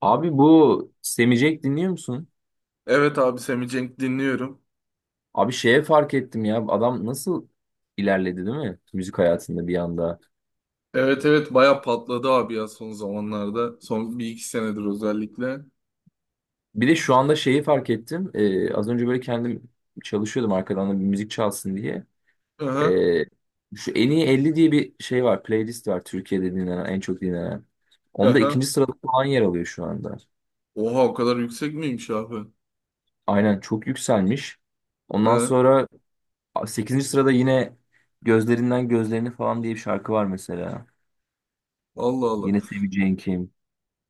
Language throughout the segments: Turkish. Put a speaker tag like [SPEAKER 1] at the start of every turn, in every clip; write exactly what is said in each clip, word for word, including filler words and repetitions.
[SPEAKER 1] Abi bu Semicek dinliyor musun?
[SPEAKER 2] Evet abi Semi Cenk dinliyorum.
[SPEAKER 1] Abi şeye fark ettim ya adam nasıl ilerledi değil mi? Müzik hayatında bir anda.
[SPEAKER 2] Evet, evet, baya patladı abi ya son zamanlarda. Son bir iki senedir özellikle.
[SPEAKER 1] Bir de şu anda şeyi fark ettim. Ee, az önce böyle kendim çalışıyordum arkadan da bir müzik çalsın diye.
[SPEAKER 2] Aha,
[SPEAKER 1] Ee, Şu en iyi elli diye bir şey var. Playlist var Türkiye'de dinlenen en çok dinlenen. Onda
[SPEAKER 2] aha.
[SPEAKER 1] ikinci sırada falan yer alıyor şu anda.
[SPEAKER 2] Oha, o kadar yüksek miymiş abi?
[SPEAKER 1] Aynen çok yükselmiş. Ondan
[SPEAKER 2] Hı.
[SPEAKER 1] sonra sekizinci sırada yine Gözlerinden Gözlerini falan diye bir şarkı var mesela.
[SPEAKER 2] Allah Allah.
[SPEAKER 1] Yine Semih kim,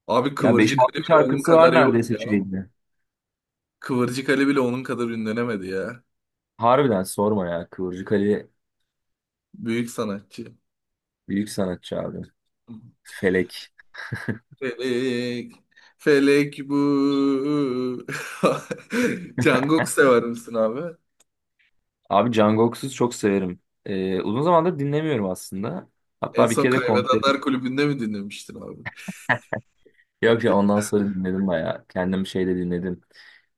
[SPEAKER 2] Abi
[SPEAKER 1] ya beş
[SPEAKER 2] Kıvırcık Ali
[SPEAKER 1] altı
[SPEAKER 2] bile onun
[SPEAKER 1] şarkısı
[SPEAKER 2] kadar
[SPEAKER 1] var
[SPEAKER 2] yok
[SPEAKER 1] neredeyse
[SPEAKER 2] ya.
[SPEAKER 1] şeyinde.
[SPEAKER 2] Kıvırcık Ali bile onun kadar ünlenemedi ya.
[SPEAKER 1] Harbiden sorma ya. Kıvırcık Ali
[SPEAKER 2] Büyük sanatçı.
[SPEAKER 1] büyük sanatçı abi. Felek.
[SPEAKER 2] Felek. Felek bu. Jungkook sever misin abi?
[SPEAKER 1] Abi Can çok severim. Ee, uzun zamandır dinlemiyorum aslında.
[SPEAKER 2] En
[SPEAKER 1] Hatta bir
[SPEAKER 2] son
[SPEAKER 1] kere de
[SPEAKER 2] Kaybedenler
[SPEAKER 1] konserim.
[SPEAKER 2] Kulübü'nde mi dinlemiştin abi?
[SPEAKER 1] Yok ya ondan sonra dinledim bayağı. Kendim şeyde dinledim.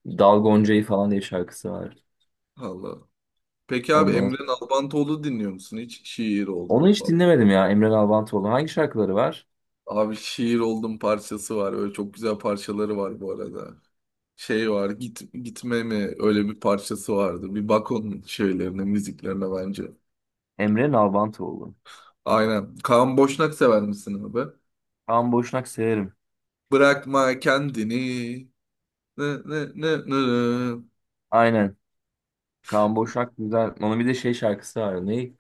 [SPEAKER 1] Dal Gonca'yı falan diye bir şarkısı var.
[SPEAKER 2] Allah. Peki abi
[SPEAKER 1] Ondan...
[SPEAKER 2] Emre Nalbantoğlu dinliyor musun? Hiç şiir
[SPEAKER 1] Onu
[SPEAKER 2] oldum
[SPEAKER 1] hiç
[SPEAKER 2] falan.
[SPEAKER 1] dinlemedim ya Emre Nalbantoğlu. Hangi şarkıları var?
[SPEAKER 2] Abi şiir oldum parçası var. Öyle çok güzel parçaları var bu arada. Şey var, git, gitme mi öyle bir parçası vardı. Bir bak onun şeylerine, müziklerine bence.
[SPEAKER 1] Emre Nalbantoğlu.
[SPEAKER 2] Aynen. Kaan Boşnak sever misin abi?
[SPEAKER 1] Kaan Boşnak severim.
[SPEAKER 2] Bırakma kendini. Nı, nı, nı, nı.
[SPEAKER 1] Aynen. Kaan Boşnak güzel. Onun bir de şey şarkısı var. Ne?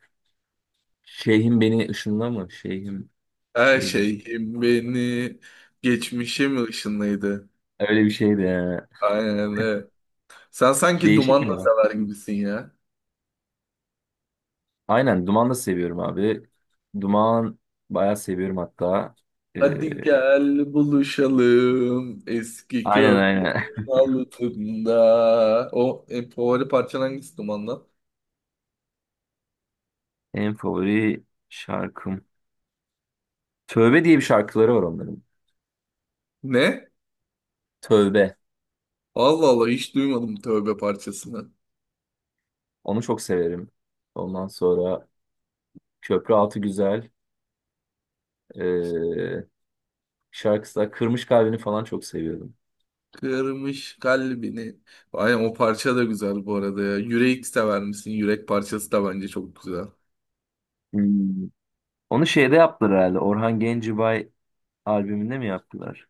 [SPEAKER 1] Şeyhim beni ışınla mı? Şeyhim
[SPEAKER 2] Her
[SPEAKER 1] şey mi?
[SPEAKER 2] şeyim beni. Geçmişim ışınlıydı.
[SPEAKER 1] Öyle bir şeydi ya.
[SPEAKER 2] Aynen öyle. Sen sanki
[SPEAKER 1] Değişik bir
[SPEAKER 2] Dumanla
[SPEAKER 1] olay.
[SPEAKER 2] sever gibisin ya.
[SPEAKER 1] Aynen Duman da seviyorum abi. Duman bayağı seviyorum hatta.
[SPEAKER 2] Hadi
[SPEAKER 1] Ee,
[SPEAKER 2] gel buluşalım eski
[SPEAKER 1] aynen
[SPEAKER 2] köprü
[SPEAKER 1] aynen.
[SPEAKER 2] altında. O en favori parçan hangisi Duman'dan?
[SPEAKER 1] En favori şarkım. Tövbe diye bir şarkıları var onların.
[SPEAKER 2] Ne?
[SPEAKER 1] Tövbe.
[SPEAKER 2] Allah Allah, hiç duymadım tövbe parçasını.
[SPEAKER 1] Onu çok severim. Ondan sonra Köprü Altı Güzel. Ee, Şarkısı da Kırmış Kalbini falan çok seviyordum.
[SPEAKER 2] Kırmış kalbini. Aynen o parça da güzel bu arada ya. Yürek sever misin? Yürek parçası da bence çok güzel.
[SPEAKER 1] Hmm. Onu şeyde yaptılar herhalde. Orhan Gencebay albümünde mi yaptılar?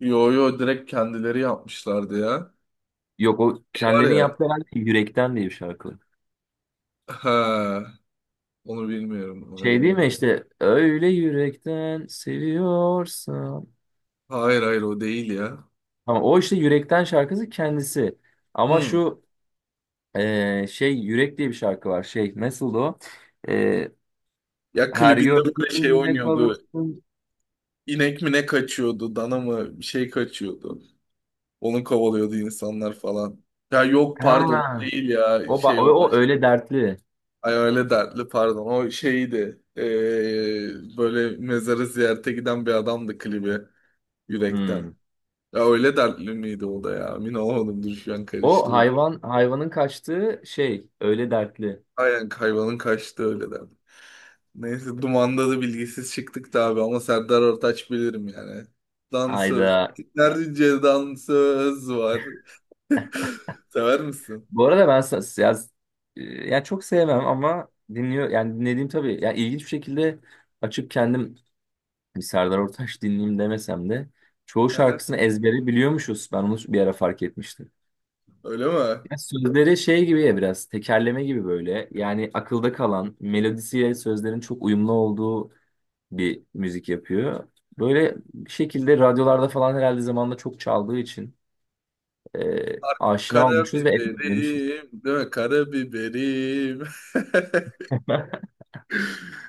[SPEAKER 2] Yo, yo, direkt kendileri yapmışlardı ya.
[SPEAKER 1] Yok o
[SPEAKER 2] Şey var
[SPEAKER 1] kendilerinin
[SPEAKER 2] ya.
[SPEAKER 1] yaptığı herhalde yürekten diye bir şarkı.
[SPEAKER 2] Ha, onu bilmiyorum. Onu
[SPEAKER 1] Şey değil mi
[SPEAKER 2] bilmiyorum.
[SPEAKER 1] işte öyle yürekten seviyorsan.
[SPEAKER 2] Hayır, hayır, o değil ya.
[SPEAKER 1] Ama o işte yürekten şarkısı kendisi. Ama
[SPEAKER 2] Hmm.
[SPEAKER 1] şu e, şey yürek diye bir şarkı var. Şey nasıldı o? E,
[SPEAKER 2] Ya
[SPEAKER 1] Her
[SPEAKER 2] klibinde böyle şey
[SPEAKER 1] gördüğünde
[SPEAKER 2] oynuyordu.
[SPEAKER 1] kalırsın.
[SPEAKER 2] İnek mi ne kaçıyordu, dana mı bir şey kaçıyordu. Onu kovalıyordu insanlar falan. Ya yok, pardon, o
[SPEAKER 1] Ha,
[SPEAKER 2] değil ya,
[SPEAKER 1] o, ba-
[SPEAKER 2] şey,
[SPEAKER 1] o,
[SPEAKER 2] o
[SPEAKER 1] o
[SPEAKER 2] baş...
[SPEAKER 1] öyle dertli.
[SPEAKER 2] Ay, öyle dertli, pardon, o şeydi. Ee, böyle mezarı ziyarete giden bir adamdı klibi yürekten.
[SPEAKER 1] Hmm.
[SPEAKER 2] Ya öyle dertli miydi o da ya? Emin olamadım, dur, şu an
[SPEAKER 1] O
[SPEAKER 2] karıştı.
[SPEAKER 1] hayvan hayvanın kaçtığı şey öyle dertli.
[SPEAKER 2] Aynen hayvanın kaçtı öyle derdi. Neyse Duman'da da bilgisiz çıktık da abi, ama Serdar Ortaç bilirim yani. Dansöz.
[SPEAKER 1] Ayda.
[SPEAKER 2] Nerede Ceydan var. Sever misin?
[SPEAKER 1] Bu arada ben sa- ya, e, ya çok sevmem ama dinliyor yani dinlediğim tabii ya ilginç bir şekilde açıp kendim bir Serdar Ortaç dinleyeyim demesem de çoğu
[SPEAKER 2] Aha,
[SPEAKER 1] şarkısını ezbere biliyormuşuz. Ben onu bir ara fark etmiştim.
[SPEAKER 2] öyle mi?
[SPEAKER 1] Ya sözleri şey gibi ya biraz tekerleme gibi böyle. Yani akılda kalan melodisiyle sözlerin çok uyumlu olduğu bir müzik yapıyor. Böyle bir şekilde radyolarda falan herhalde zamanında çok çaldığı için e, aşina olmuşuz ve ezberlemişiz.
[SPEAKER 2] Karabiberim, değil mi? Karabiberim.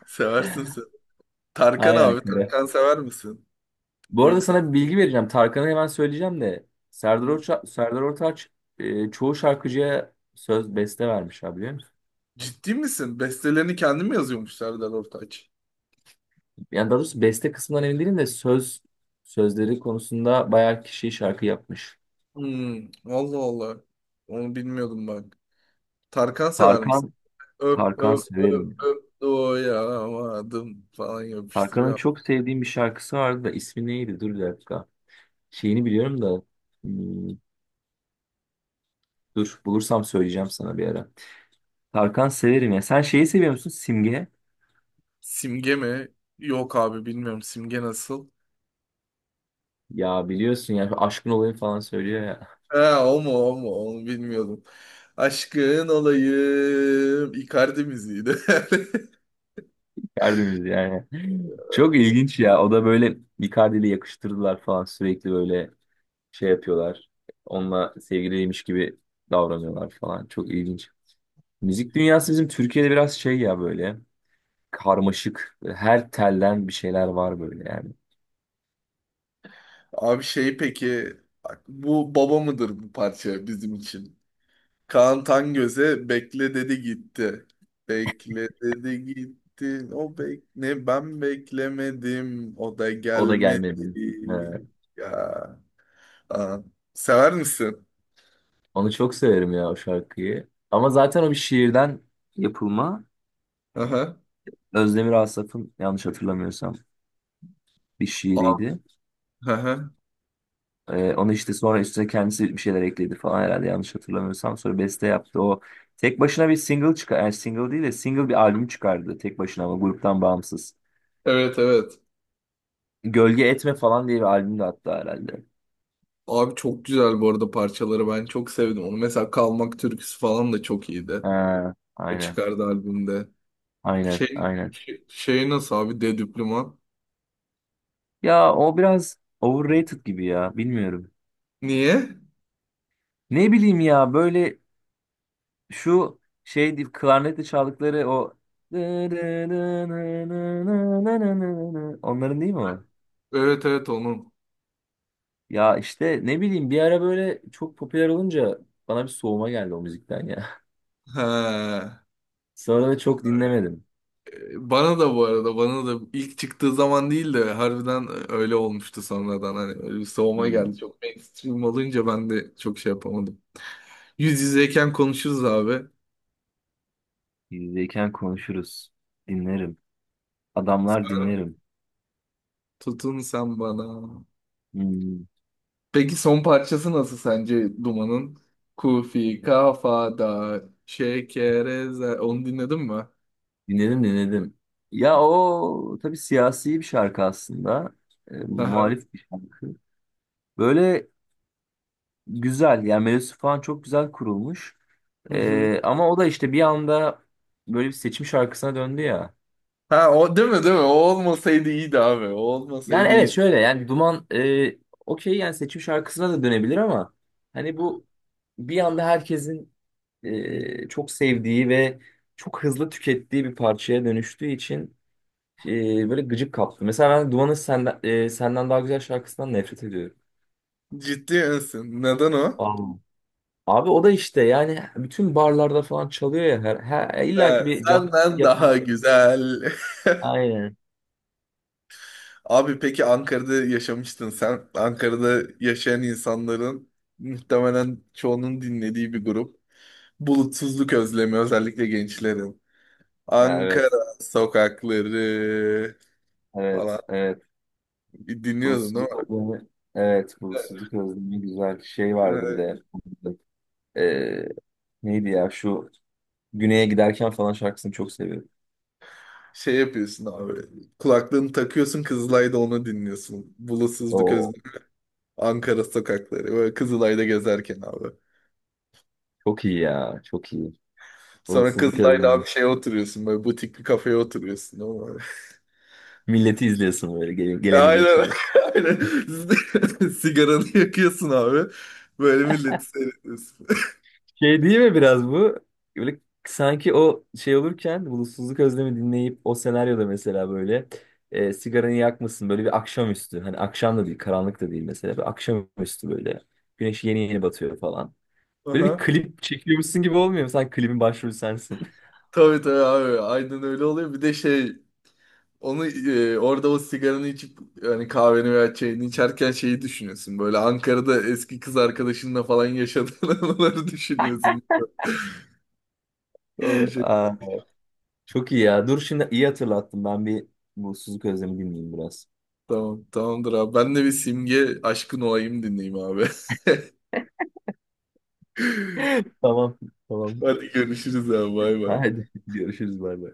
[SPEAKER 2] Seversin sen. Tarkan
[SPEAKER 1] Aynen.
[SPEAKER 2] abi, Tarkan sever misin?
[SPEAKER 1] Bu arada
[SPEAKER 2] Büyük
[SPEAKER 1] sana bir
[SPEAKER 2] sahne.
[SPEAKER 1] bilgi vereceğim. Tarkan'ı hemen söyleyeceğim de Serdar
[SPEAKER 2] Hı.
[SPEAKER 1] Orça- Serdar Ortaç e, çoğu şarkıcıya söz beste vermiş abi biliyor musun?
[SPEAKER 2] Ciddi misin? Bestelerini kendim yazıyormuş Serdar Ortaç.
[SPEAKER 1] Yani daha doğrusu beste kısmından emin değilim de söz sözleri konusunda bayağı kişi şarkı yapmış.
[SPEAKER 2] Hmm, Allah Allah. Onu bilmiyordum bak. Tarkan sever misin?
[SPEAKER 1] Tarkan
[SPEAKER 2] Öp
[SPEAKER 1] Tarkan
[SPEAKER 2] öp
[SPEAKER 1] severim.
[SPEAKER 2] öp öp doyamadım falan
[SPEAKER 1] Tarkan'ın
[SPEAKER 2] yapıştırıyor.
[SPEAKER 1] çok sevdiğim bir şarkısı vardı da ismi neydi? Dur bir dakika. Şeyini biliyorum da hmm, dur bulursam söyleyeceğim sana bir ara. Tarkan severim ya. Sen şeyi seviyor musun? Simge.
[SPEAKER 2] Simge mi? Yok abi, bilmiyorum. Simge nasıl?
[SPEAKER 1] Ya biliyorsun ya şu aşkın olayı falan söylüyor ya.
[SPEAKER 2] Ha, o mu, o mu, onu bilmiyordum. Aşkın olayım. Icardi müziğiydi.
[SPEAKER 1] Icardi'miz yani. Çok ilginç ya. O da böyle Icardi'yle yakıştırdılar falan. Sürekli böyle şey yapıyorlar. Onunla sevgiliymiş gibi davranıyorlar falan. Çok ilginç. Müzik dünyası bizim Türkiye'de biraz şey ya böyle. Karmaşık. Her telden bir şeyler var böyle yani.
[SPEAKER 2] Abi şey peki bak, bu baba mıdır bu parça bizim için? Kaan Tangöz'e bekle dedi gitti. Bekle dedi gitti. O bek ne, ben beklemedim. O da
[SPEAKER 1] O da
[SPEAKER 2] gelmedi.
[SPEAKER 1] gelmedi. He.
[SPEAKER 2] Ya. Aa. Sever misin?
[SPEAKER 1] Onu çok severim ya o şarkıyı. Ama zaten o bir şiirden yapılma.
[SPEAKER 2] Aha.
[SPEAKER 1] Özdemir Asaf'ın yanlış hatırlamıyorsam bir
[SPEAKER 2] Aa.
[SPEAKER 1] şiiriydi.
[SPEAKER 2] Aha.
[SPEAKER 1] Ee, onu işte sonra üstüne kendisi bir şeyler ekledi falan herhalde yanlış hatırlamıyorsam. Sonra beste yaptı. O tek başına bir single çıkar. Yani single değil de single bir albüm çıkardı tek başına ama gruptan bağımsız.
[SPEAKER 2] Evet, evet.
[SPEAKER 1] Gölge Etme falan diye bir albüm de attı herhalde.
[SPEAKER 2] Abi çok güzel bu arada parçaları, ben çok sevdim. Onu mesela, Kalmak türküsü falan da çok iyiydi.
[SPEAKER 1] Ha,
[SPEAKER 2] O
[SPEAKER 1] aynen.
[SPEAKER 2] çıkardı albümde.
[SPEAKER 1] Aynen.
[SPEAKER 2] Şey,
[SPEAKER 1] Aynen.
[SPEAKER 2] şey, şey nasıl abi Dedüplüman?
[SPEAKER 1] Ya o biraz overrated gibi ya. Bilmiyorum.
[SPEAKER 2] Niye?
[SPEAKER 1] Ne bileyim ya böyle şu şey deyip klarnetle çaldıkları o onların değil mi o?
[SPEAKER 2] Evet, evet, onun.
[SPEAKER 1] Ya işte ne bileyim bir ara böyle çok popüler olunca bana bir soğuma geldi o müzikten ya.
[SPEAKER 2] He.
[SPEAKER 1] Sonra da çok dinlemedim.
[SPEAKER 2] Bana da bu arada, bana da ilk çıktığı zaman değil de harbiden öyle olmuştu sonradan. Hani öyle bir soğuma
[SPEAKER 1] Hmm.
[SPEAKER 2] geldi. Çok mainstream olunca ben de çok şey yapamadım. Yüz yüzeyken konuşuruz abi.
[SPEAKER 1] Yüzdeyken konuşuruz. Dinlerim. Adamlar dinlerim.
[SPEAKER 2] Tutun sen bana.
[SPEAKER 1] Hmm.
[SPEAKER 2] Peki son parçası nasıl sence Duman'ın? Kufi kafada şekereze. Onu dinledin mi?
[SPEAKER 1] Dinledim dinledim. Ya o tabii siyasi bir şarkı aslında. E,
[SPEAKER 2] Aha.
[SPEAKER 1] muhalif bir şarkı. Böyle güzel yani melodisi falan çok güzel kurulmuş.
[SPEAKER 2] Hı hı.
[SPEAKER 1] E, ama o da işte bir anda böyle bir seçim şarkısına döndü ya.
[SPEAKER 2] Ha, o değil mi, değil mi? O olmasaydı iyiydi abi. O
[SPEAKER 1] Yani
[SPEAKER 2] olmasaydı
[SPEAKER 1] evet
[SPEAKER 2] iyiydi.
[SPEAKER 1] şöyle yani Duman e, okey yani seçim şarkısına da dönebilir ama hani bu bir anda herkesin e, çok sevdiği ve çok hızlı tükettiği bir parçaya dönüştüğü için e, böyle gıcık kaptı. Mesela ben Duman'ın senden, e, senden daha güzel şarkısından nefret ediyorum.
[SPEAKER 2] Ciddi misin? Neden o?
[SPEAKER 1] Aa. Abi o da işte yani bütün barlarda falan çalıyor ya her, her illa
[SPEAKER 2] Ha,
[SPEAKER 1] ki bir can
[SPEAKER 2] senden daha
[SPEAKER 1] yapan.
[SPEAKER 2] güzel.
[SPEAKER 1] Aynen.
[SPEAKER 2] Abi peki Ankara'da yaşamıştın sen. Ankara'da yaşayan insanların muhtemelen çoğunun dinlediği bir grup. Bulutsuzluk Özlemi, özellikle gençlerin.
[SPEAKER 1] Ha,
[SPEAKER 2] Ankara
[SPEAKER 1] Evet,
[SPEAKER 2] sokakları
[SPEAKER 1] evet,
[SPEAKER 2] falan
[SPEAKER 1] evet.
[SPEAKER 2] bir dinliyordun değil
[SPEAKER 1] Bulutsuzluk
[SPEAKER 2] mi?
[SPEAKER 1] özlemi. Evet, bulutsuzluk özlemi güzel bir şey vardı bir
[SPEAKER 2] Evet.
[SPEAKER 1] de. Ee, Neydi ya şu Güney'e giderken falan şarkısını çok seviyorum.
[SPEAKER 2] Şey yapıyorsun abi. Kulaklığını takıyorsun, Kızılay'da onu dinliyorsun. Bulutsuzluk özlem.
[SPEAKER 1] Oo,
[SPEAKER 2] Ankara sokakları. Böyle Kızılay'da gezerken abi.
[SPEAKER 1] çok iyi ya, çok iyi.
[SPEAKER 2] Sonra
[SPEAKER 1] Bulutsuzluk
[SPEAKER 2] Kızılay'da abi
[SPEAKER 1] özlemi.
[SPEAKER 2] şeye oturuyorsun. Böyle butik bir kafeye oturuyorsun.
[SPEAKER 1] Milleti izliyorsun böyle gelen- geleni
[SPEAKER 2] Aynen.
[SPEAKER 1] geçeni.
[SPEAKER 2] Aynen. Sigaranı yakıyorsun abi. Böyle milleti seyrediyorsun.
[SPEAKER 1] Şey değil mi biraz bu? Böyle sanki o şey olurken bulutsuzluk özlemi dinleyip o senaryoda mesela böyle e, sigaranı yakmasın böyle bir akşamüstü. Hani akşam da değil, karanlık da değil mesela. Bir akşamüstü böyle. Güneş yeni yeni batıyor falan. Böyle bir
[SPEAKER 2] Aha.
[SPEAKER 1] klip çekiyormuşsun gibi olmuyor mu? Sen klibin başrolü sensin.
[SPEAKER 2] Tabii, tabii abi. Aynen öyle oluyor. Bir de şey, onu, e, orada o sigaranı içip hani kahveni veya çayını içerken şeyi düşünüyorsun. Böyle Ankara'da eski kız arkadaşınla falan yaşadığın anıları düşünüyorsun. Öyle şey.
[SPEAKER 1] Aa, çok iyi ya. Dur şimdi iyi hatırlattım. Ben bir bu Suzuki Özlem'i dinleyeyim biraz.
[SPEAKER 2] Tamam, tamamdır abi. Ben de bir Simge Aşkın Olayım dinleyeyim abi.
[SPEAKER 1] Tamam, tamam.
[SPEAKER 2] Hadi görüşürüz abi. Bay bay.
[SPEAKER 1] Hadi görüşürüz bay bay.